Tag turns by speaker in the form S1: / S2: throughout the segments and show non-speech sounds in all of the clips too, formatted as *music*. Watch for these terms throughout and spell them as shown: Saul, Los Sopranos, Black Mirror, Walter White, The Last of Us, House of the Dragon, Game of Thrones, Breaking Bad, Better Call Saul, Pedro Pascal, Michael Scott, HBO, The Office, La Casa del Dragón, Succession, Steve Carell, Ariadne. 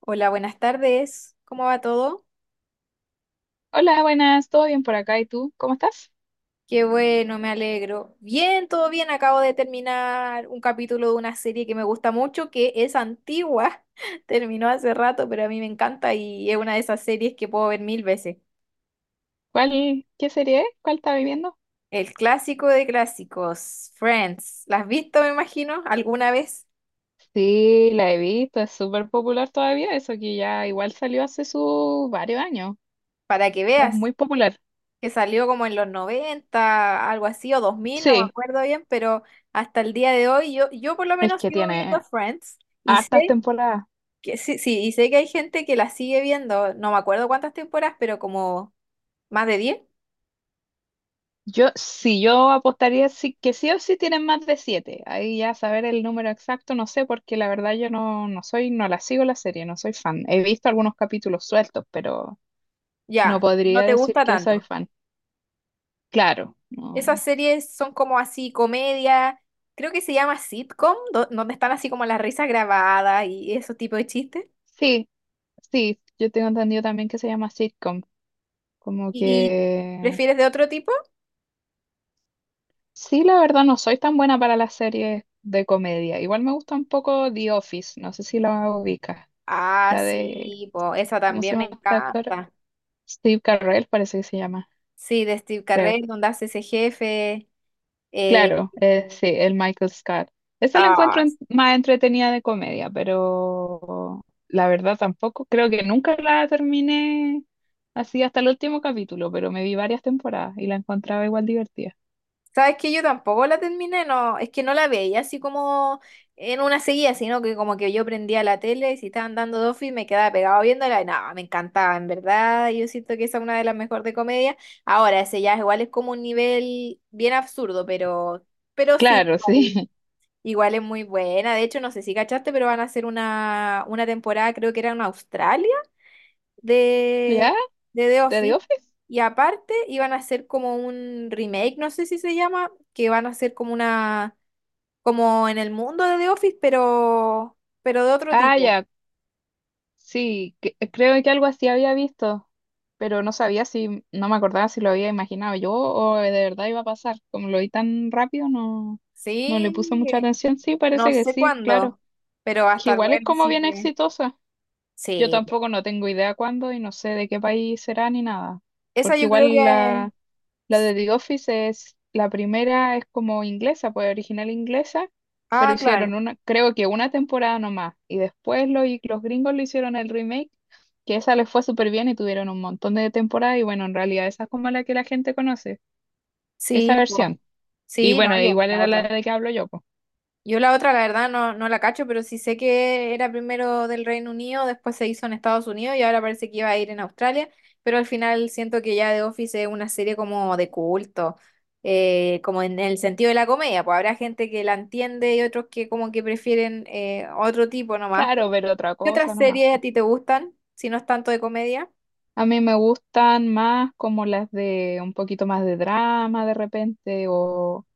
S1: Hola, buenas tardes. ¿Cómo va todo?
S2: Hola, buenas, ¿todo bien por acá? ¿Y tú? ¿Cómo estás?
S1: Qué bueno, me alegro. Bien, todo bien. Acabo de terminar un capítulo de una serie que me gusta mucho, que es antigua. *laughs* Terminó hace rato, pero a mí me encanta y es una de esas series que puedo ver mil veces.
S2: ¿Cuál, qué serie es? ¿Cuál estás viviendo?
S1: El clásico de clásicos, Friends. ¿La has visto, me imagino, alguna vez?
S2: Sí, la he visto, es súper popular todavía, eso que ya igual salió hace sus varios años.
S1: Para que
S2: Es
S1: veas,
S2: muy popular.
S1: que salió como en los 90, algo así, o 2000, no me
S2: Sí,
S1: acuerdo bien, pero hasta el día de hoy yo por lo
S2: es
S1: menos
S2: que
S1: sigo viendo
S2: tiene
S1: Friends. Y
S2: hartas
S1: sé
S2: temporadas.
S1: que sí, sí, y sé que hay gente que la sigue viendo, no me acuerdo cuántas temporadas, pero como más de 10
S2: Yo, sí, yo apostaría sí, que sí o sí tienen más de siete. Ahí ya saber el número exacto, no sé, porque la verdad yo no, no soy, no la sigo la serie, no soy fan. He visto algunos capítulos sueltos, pero no
S1: ya, no
S2: podría
S1: te
S2: decir
S1: gusta
S2: que soy
S1: tanto.
S2: fan. Claro, no.
S1: Esas series son como así, comedia, creo que se llama sitcom, donde están así como las risas grabadas y esos tipos de chistes.
S2: Sí, sí, yo tengo entendido también que se llama sitcom. Como
S1: ¿Y
S2: que
S1: prefieres de otro tipo?
S2: sí, la verdad no soy tan buena para las series de comedia. Igual me gusta un poco The Office, no sé si la ubicas.
S1: Ah,
S2: La de,
S1: sí, po, esa
S2: ¿cómo se
S1: también me
S2: llama este actor?
S1: encanta.
S2: Steve Carell parece que se llama,
S1: Sí, de Steve
S2: creo.
S1: Carell, donde hace ese jefe. eh,
S2: Claro, sí, el Michael Scott. Esa la
S1: ah,
S2: encuentro más entretenida de comedia, pero la verdad tampoco, creo que nunca la terminé así hasta el último capítulo, pero me vi varias temporadas y la encontraba igual divertida.
S1: Sabes que yo tampoco la terminé, no, es que no la veía así como en una seguida, sino que como que yo prendía la tele y si estaban dando Dofi me quedaba pegado viéndola y nada, me encantaba, en verdad, yo siento que esa es una de las mejores de comedia. Ahora, ese ya es igual es como un nivel bien absurdo, pero sí,
S2: Claro,
S1: igual,
S2: sí.
S1: igual es muy buena. De hecho, no sé si cachaste, pero van a hacer una temporada, creo que era en Australia
S2: *laughs* ¿Ya?
S1: de, de The
S2: ¿De The
S1: Office.
S2: Office?
S1: Y aparte iban a hacer como un remake, no sé si se llama, que van a hacer como una, como en el mundo de The Office, pero de otro
S2: Ah,
S1: tipo.
S2: ya. Sí, creo que algo así había visto, pero no sabía si, no me acordaba si lo había imaginado yo o de verdad iba a pasar. Como lo vi tan rápido, no, no le puse
S1: Sí,
S2: mucha atención. Sí,
S1: no
S2: parece que
S1: sé
S2: sí, claro.
S1: cuándo, pero va a
S2: Que
S1: estar
S2: igual es
S1: bueno,
S2: como
S1: así
S2: bien
S1: que
S2: exitosa. Yo
S1: sí.
S2: tampoco no tengo idea cuándo y no sé de qué país será ni nada.
S1: Esa
S2: Porque
S1: yo creo
S2: igual
S1: que...
S2: la, la de The Office es, la primera es como inglesa, pues original inglesa, pero
S1: Ah, claro.
S2: hicieron una, creo que una temporada nomás. Y después los gringos le hicieron el remake, que esa les fue súper bien y tuvieron un montón de temporadas. Y bueno, en realidad esa es como la que la gente conoce, esa
S1: Sí, po.
S2: versión. Y
S1: Sí, no,
S2: bueno, e
S1: yo
S2: igual
S1: la
S2: era la
S1: otra.
S2: de que hablo yo, pues.
S1: Yo la otra, la verdad, no, no la cacho, pero sí sé que era primero del Reino Unido, después se hizo en Estados Unidos y ahora parece que iba a ir en Australia, pero al final siento que ya The Office es una serie como de culto, como en el sentido de la comedia, pues habrá gente que la entiende y otros que como que prefieren otro tipo nomás.
S2: Claro, pero otra
S1: ¿Qué
S2: cosa
S1: otras
S2: nomás,
S1: series a
S2: po.
S1: ti te gustan, si no es tanto de comedia?
S2: A mí me gustan más como las de un poquito más de drama de repente o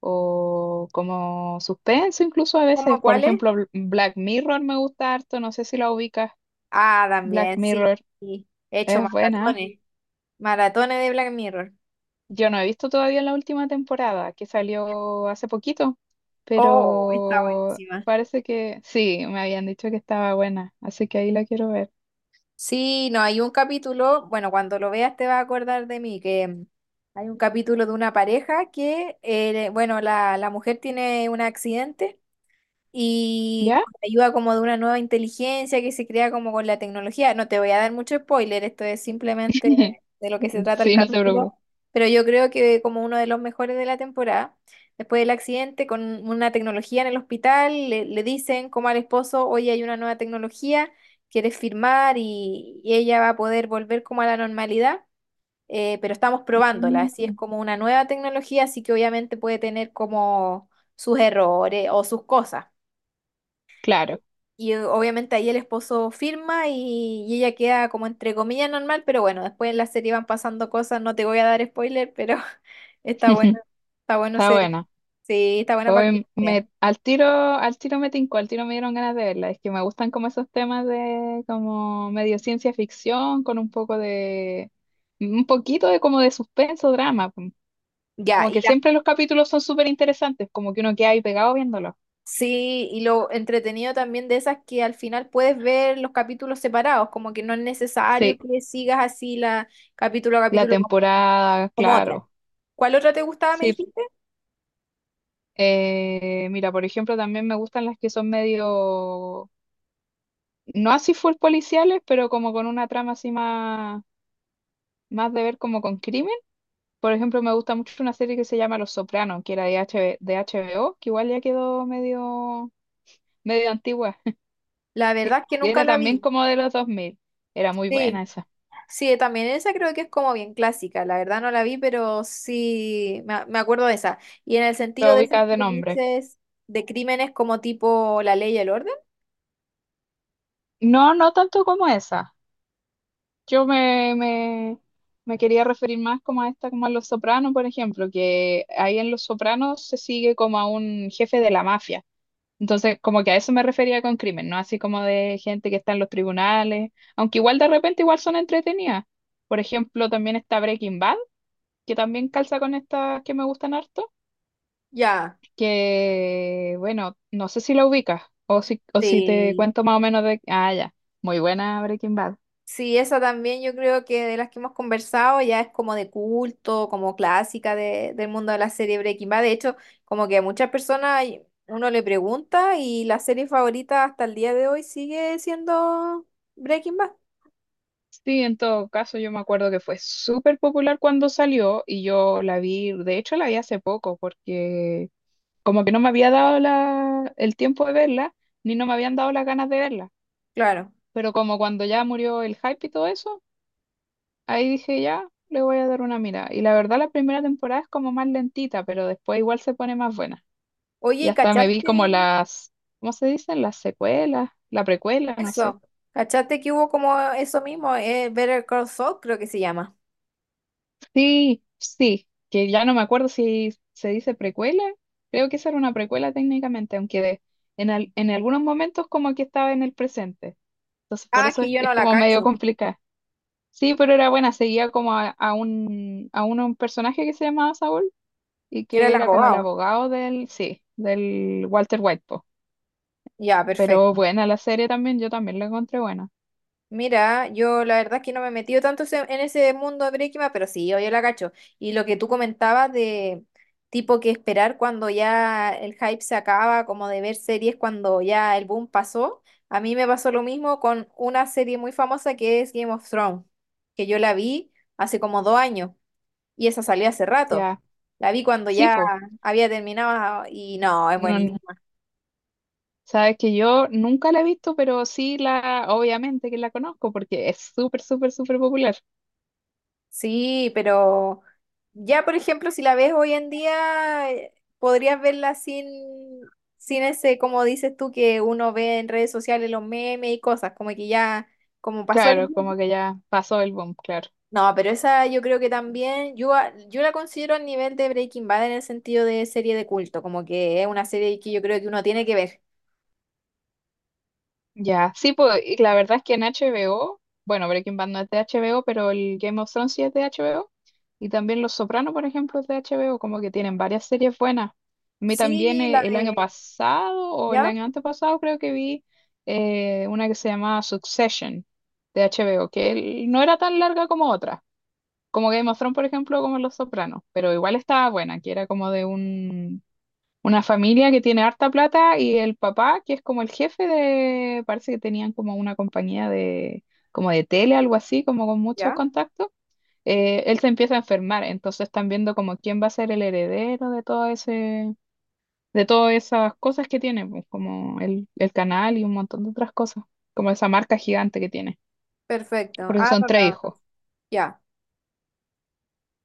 S2: o como suspenso incluso a
S1: ¿Cómo
S2: veces. Por
S1: cuáles?
S2: ejemplo, Black Mirror me gusta harto, no sé si la ubicas.
S1: Ah,
S2: Black
S1: también, sí.
S2: Mirror
S1: Sí. He hecho
S2: es buena.
S1: maratones, maratones de Black Mirror.
S2: Yo no he visto todavía la última temporada que salió hace poquito,
S1: Oh, está
S2: pero
S1: buenísima.
S2: parece que sí, me habían dicho que estaba buena, así que ahí la quiero ver.
S1: Sí, no, hay un capítulo, bueno, cuando lo veas te vas a acordar de mí, hay un capítulo de una pareja que, bueno, la mujer tiene un accidente y
S2: ¿Ya?
S1: con la ayuda como de una nueva inteligencia que se crea como con la tecnología. No te voy a dar mucho spoiler, esto es simplemente
S2: *laughs*
S1: de lo que se trata el
S2: Sí, no te preocupes.
S1: capítulo, pero yo creo que como uno de los mejores de la temporada, después del accidente, con una tecnología en el hospital, le dicen como al esposo, oye, hay una nueva tecnología, quieres firmar y ella va a poder volver como a la normalidad. Pero estamos probándola, así es
S2: Mm.
S1: como una nueva tecnología, así que obviamente puede tener como sus errores o sus cosas.
S2: Claro,
S1: Y obviamente ahí el esposo firma y ella queda como entre comillas normal, pero bueno, después en la serie van pasando cosas, no te voy a dar spoiler, pero *laughs* está bueno,
S2: *laughs*
S1: está bueno,
S2: está
S1: se,
S2: buena.
S1: sí, está buena para que
S2: Hoy
S1: lo veas.
S2: me, al tiro me tincó, al tiro me dieron ganas de verla. Es que me gustan como esos temas de como medio ciencia ficción, con un poco de, un poquito de como de suspenso, drama. Pum.
S1: Ya,
S2: Como
S1: y
S2: que
S1: la,
S2: siempre los capítulos son súper interesantes, como que uno queda ahí pegado viéndolo.
S1: sí, y lo entretenido también de esas que al final puedes ver los capítulos separados, como que no es necesario
S2: Sí,
S1: que sigas así la capítulo a
S2: la
S1: capítulo como,
S2: temporada,
S1: como otra.
S2: claro.
S1: ¿Cuál otra te gustaba, me
S2: Sí,
S1: dijiste?
S2: mira, por ejemplo, también me gustan las que son medio, no así full policiales, pero como con una trama así más, de ver como con crimen. Por ejemplo, me gusta mucho una serie que se llama Los Sopranos, que era de HBO, que igual ya quedó medio antigua. *laughs*
S1: La verdad es que
S2: Y
S1: nunca
S2: era
S1: la
S2: también
S1: vi.
S2: como de los 2000. Era muy buena
S1: Sí.
S2: esa.
S1: Sí, también esa creo que es como bien clásica, la verdad no la vi, pero sí me, me acuerdo de esa. Y en el sentido
S2: Lo
S1: de esas
S2: ubicas de
S1: que
S2: nombre.
S1: dices de crímenes como tipo La Ley y el Orden,
S2: No, no tanto como esa. Yo me quería referir más como a esta, como a Los Sopranos, por ejemplo, que ahí en Los Sopranos se sigue como a un jefe de la mafia. Entonces, como que a eso me refería con crimen, no así como de gente que está en los tribunales, aunque igual de repente igual son entretenidas. Por ejemplo, también está Breaking Bad, que también calza con estas que me gustan harto,
S1: ya,
S2: que bueno, no sé si la ubicas o si te
S1: sí.
S2: cuento más o menos de... Ah, ya, muy buena Breaking Bad.
S1: Sí, esa también yo creo que de las que hemos conversado ya es como de culto, como clásica del mundo de la serie Breaking Bad. De hecho, como que a muchas personas uno le pregunta y la serie favorita hasta el día de hoy sigue siendo Breaking Bad.
S2: Sí, en todo caso, yo me acuerdo que fue súper popular cuando salió y yo la vi, de hecho la vi hace poco porque como que no me había dado la, el tiempo de verla, ni no me habían dado las ganas de verla.
S1: Claro.
S2: Pero como cuando ya murió el hype y todo eso, ahí dije ya, le voy a dar una mirada. Y la verdad la primera temporada es como más lentita, pero después igual se pone más buena.
S1: Oye,
S2: Y
S1: ¿y
S2: hasta me vi como
S1: cachaste?
S2: las, ¿cómo se dicen? Las secuelas, la precuela, no sé.
S1: Eso. ¿Cachaste que hubo como eso mismo? Better Call Saul, creo que se llama.
S2: Sí, sí, que ya no me acuerdo si se dice precuela. Creo que esa era una precuela técnicamente, aunque en, en algunos momentos como que estaba en el presente. Entonces por
S1: Ah, es
S2: eso
S1: que
S2: es
S1: yo
S2: es
S1: no la
S2: como medio
S1: cacho.
S2: complicado. Sí, pero era buena, seguía como a un personaje que se llamaba Saul y
S1: Era el
S2: que era como el
S1: abogado.
S2: abogado del, sí, del Walter White, po.
S1: Ya,
S2: Pero
S1: perfecto.
S2: buena la serie también, yo también la encontré buena.
S1: Mira, yo la verdad es que no me he metido tanto en ese mundo de Breaking Bad, pero sí, yo la cacho. Y lo que tú comentabas de tipo que esperar cuando ya el hype se acaba, como de ver series cuando ya el boom pasó, a mí me pasó lo mismo con una serie muy famosa que es Game of Thrones, que yo la vi hace como 2 años. Y esa salió hace rato.
S2: Ya,
S1: La vi cuando
S2: sí,
S1: ya
S2: po.
S1: había terminado y no, es
S2: No, no,
S1: buenísimo.
S2: sabes que yo nunca la he visto, pero sí la, obviamente que la conozco porque es súper, súper, súper popular.
S1: Sí, pero ya, por ejemplo, si la ves hoy en día, podrías verla sin, sin ese, como dices tú, que uno ve en redes sociales los memes y cosas, como que ya, como pasó el...
S2: Claro,
S1: boom.
S2: como que ya pasó el boom, claro.
S1: No, pero esa yo creo que también, yo, yo la considero al nivel de Breaking Bad en el sentido de serie de culto, como que es una serie que yo creo que uno tiene que ver.
S2: Ya, sí, pues y la verdad es que en HBO, bueno, Breaking Bad no es de HBO, pero el Game of Thrones sí es de HBO. Y también Los Sopranos, por ejemplo, es de HBO, como que tienen varias series buenas. A mí también
S1: Sí, la
S2: el año
S1: de...
S2: pasado o el
S1: ¿Ya?
S2: año antepasado creo que vi una que se llamaba Succession de HBO, que el- no era tan larga como otra, como Game of Thrones, por ejemplo, como Los Sopranos, pero igual estaba buena, que era como de un una familia que tiene harta plata y el papá, que es como el jefe de, parece que tenían como una compañía de, como de tele, algo así, como con muchos
S1: ¿Ya?
S2: contactos, él se empieza a enfermar, entonces están viendo como quién va a ser el heredero de todo ese, de todas esas cosas que tiene, pues, como el canal y un montón de otras cosas, como esa marca gigante que tiene,
S1: Perfecto.
S2: porque
S1: Ah,
S2: son
S1: no,
S2: tres
S1: no, no.
S2: hijos.
S1: Ya.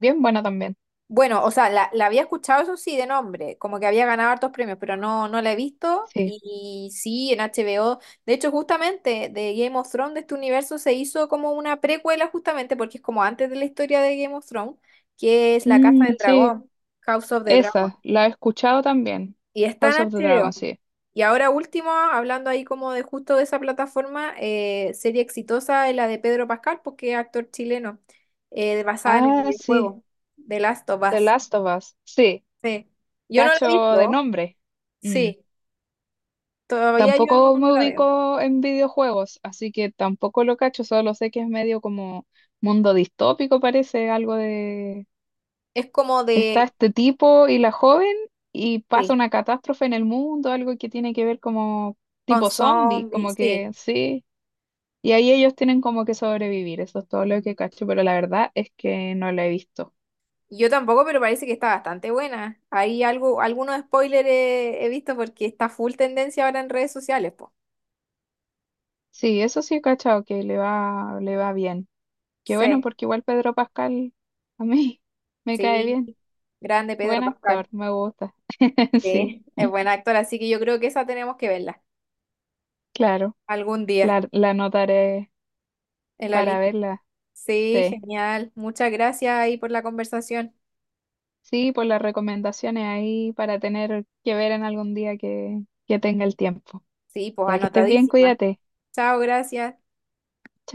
S2: Bien buena también,
S1: Bueno, o sea, la había escuchado, eso sí, de nombre, como que había ganado hartos premios, pero no, no la he visto.
S2: sí.
S1: Y, sí, en HBO. De hecho, justamente de Game of Thrones, de este universo, se hizo como una precuela, justamente, porque es como antes de la historia de Game of Thrones, que es La Casa
S2: Mm,
S1: del
S2: sí,
S1: Dragón, House of the Dragon.
S2: esa, la he escuchado también,
S1: Y está en
S2: House of the
S1: HBO.
S2: Dragon, sí.
S1: Y ahora último, hablando ahí como de justo de esa plataforma, serie exitosa es la de Pedro Pascal, porque es actor chileno, basada en el
S2: Ah, sí.
S1: videojuego The Last of
S2: The
S1: Us.
S2: Last of Us, sí,
S1: Sí. Yo no la he
S2: cacho de
S1: visto,
S2: nombre. Mm.
S1: sí, todavía yo no
S2: Tampoco me
S1: la veo.
S2: ubico en videojuegos, así que tampoco lo cacho, solo sé que es medio como mundo distópico, parece algo de...
S1: Es como
S2: Está
S1: de,
S2: este tipo y la joven y pasa
S1: sí,
S2: una catástrofe en el mundo, algo que tiene que ver como
S1: con
S2: tipo zombie, como
S1: zombies, sí.
S2: que sí. Y ahí ellos tienen como que sobrevivir, eso es todo lo que cacho, pero la verdad es que no lo he visto.
S1: Yo tampoco, pero parece que está bastante buena. Hay algo, algunos spoilers he, he visto porque está full tendencia ahora en redes sociales, pues.
S2: Sí, eso sí he cachado, que le va bien. Qué bueno,
S1: Sí,
S2: porque igual Pedro Pascal a mí *laughs* me cae
S1: sí,
S2: bien.
S1: grande Pedro
S2: Buen
S1: Pascal.
S2: actor, me gusta. *laughs* Sí,
S1: Sí, es buen actor, así que yo creo que esa tenemos que verla
S2: claro,
S1: algún día
S2: la anotaré
S1: en la
S2: para
S1: lista.
S2: verla.
S1: Sí,
S2: Sí,
S1: genial. Muchas gracias ahí por la conversación.
S2: sí, por las recomendaciones ahí para tener que ver en algún día que tenga el tiempo.
S1: Sí, pues
S2: Ya que estés bien,
S1: anotadísima.
S2: cuídate.
S1: Chao, gracias.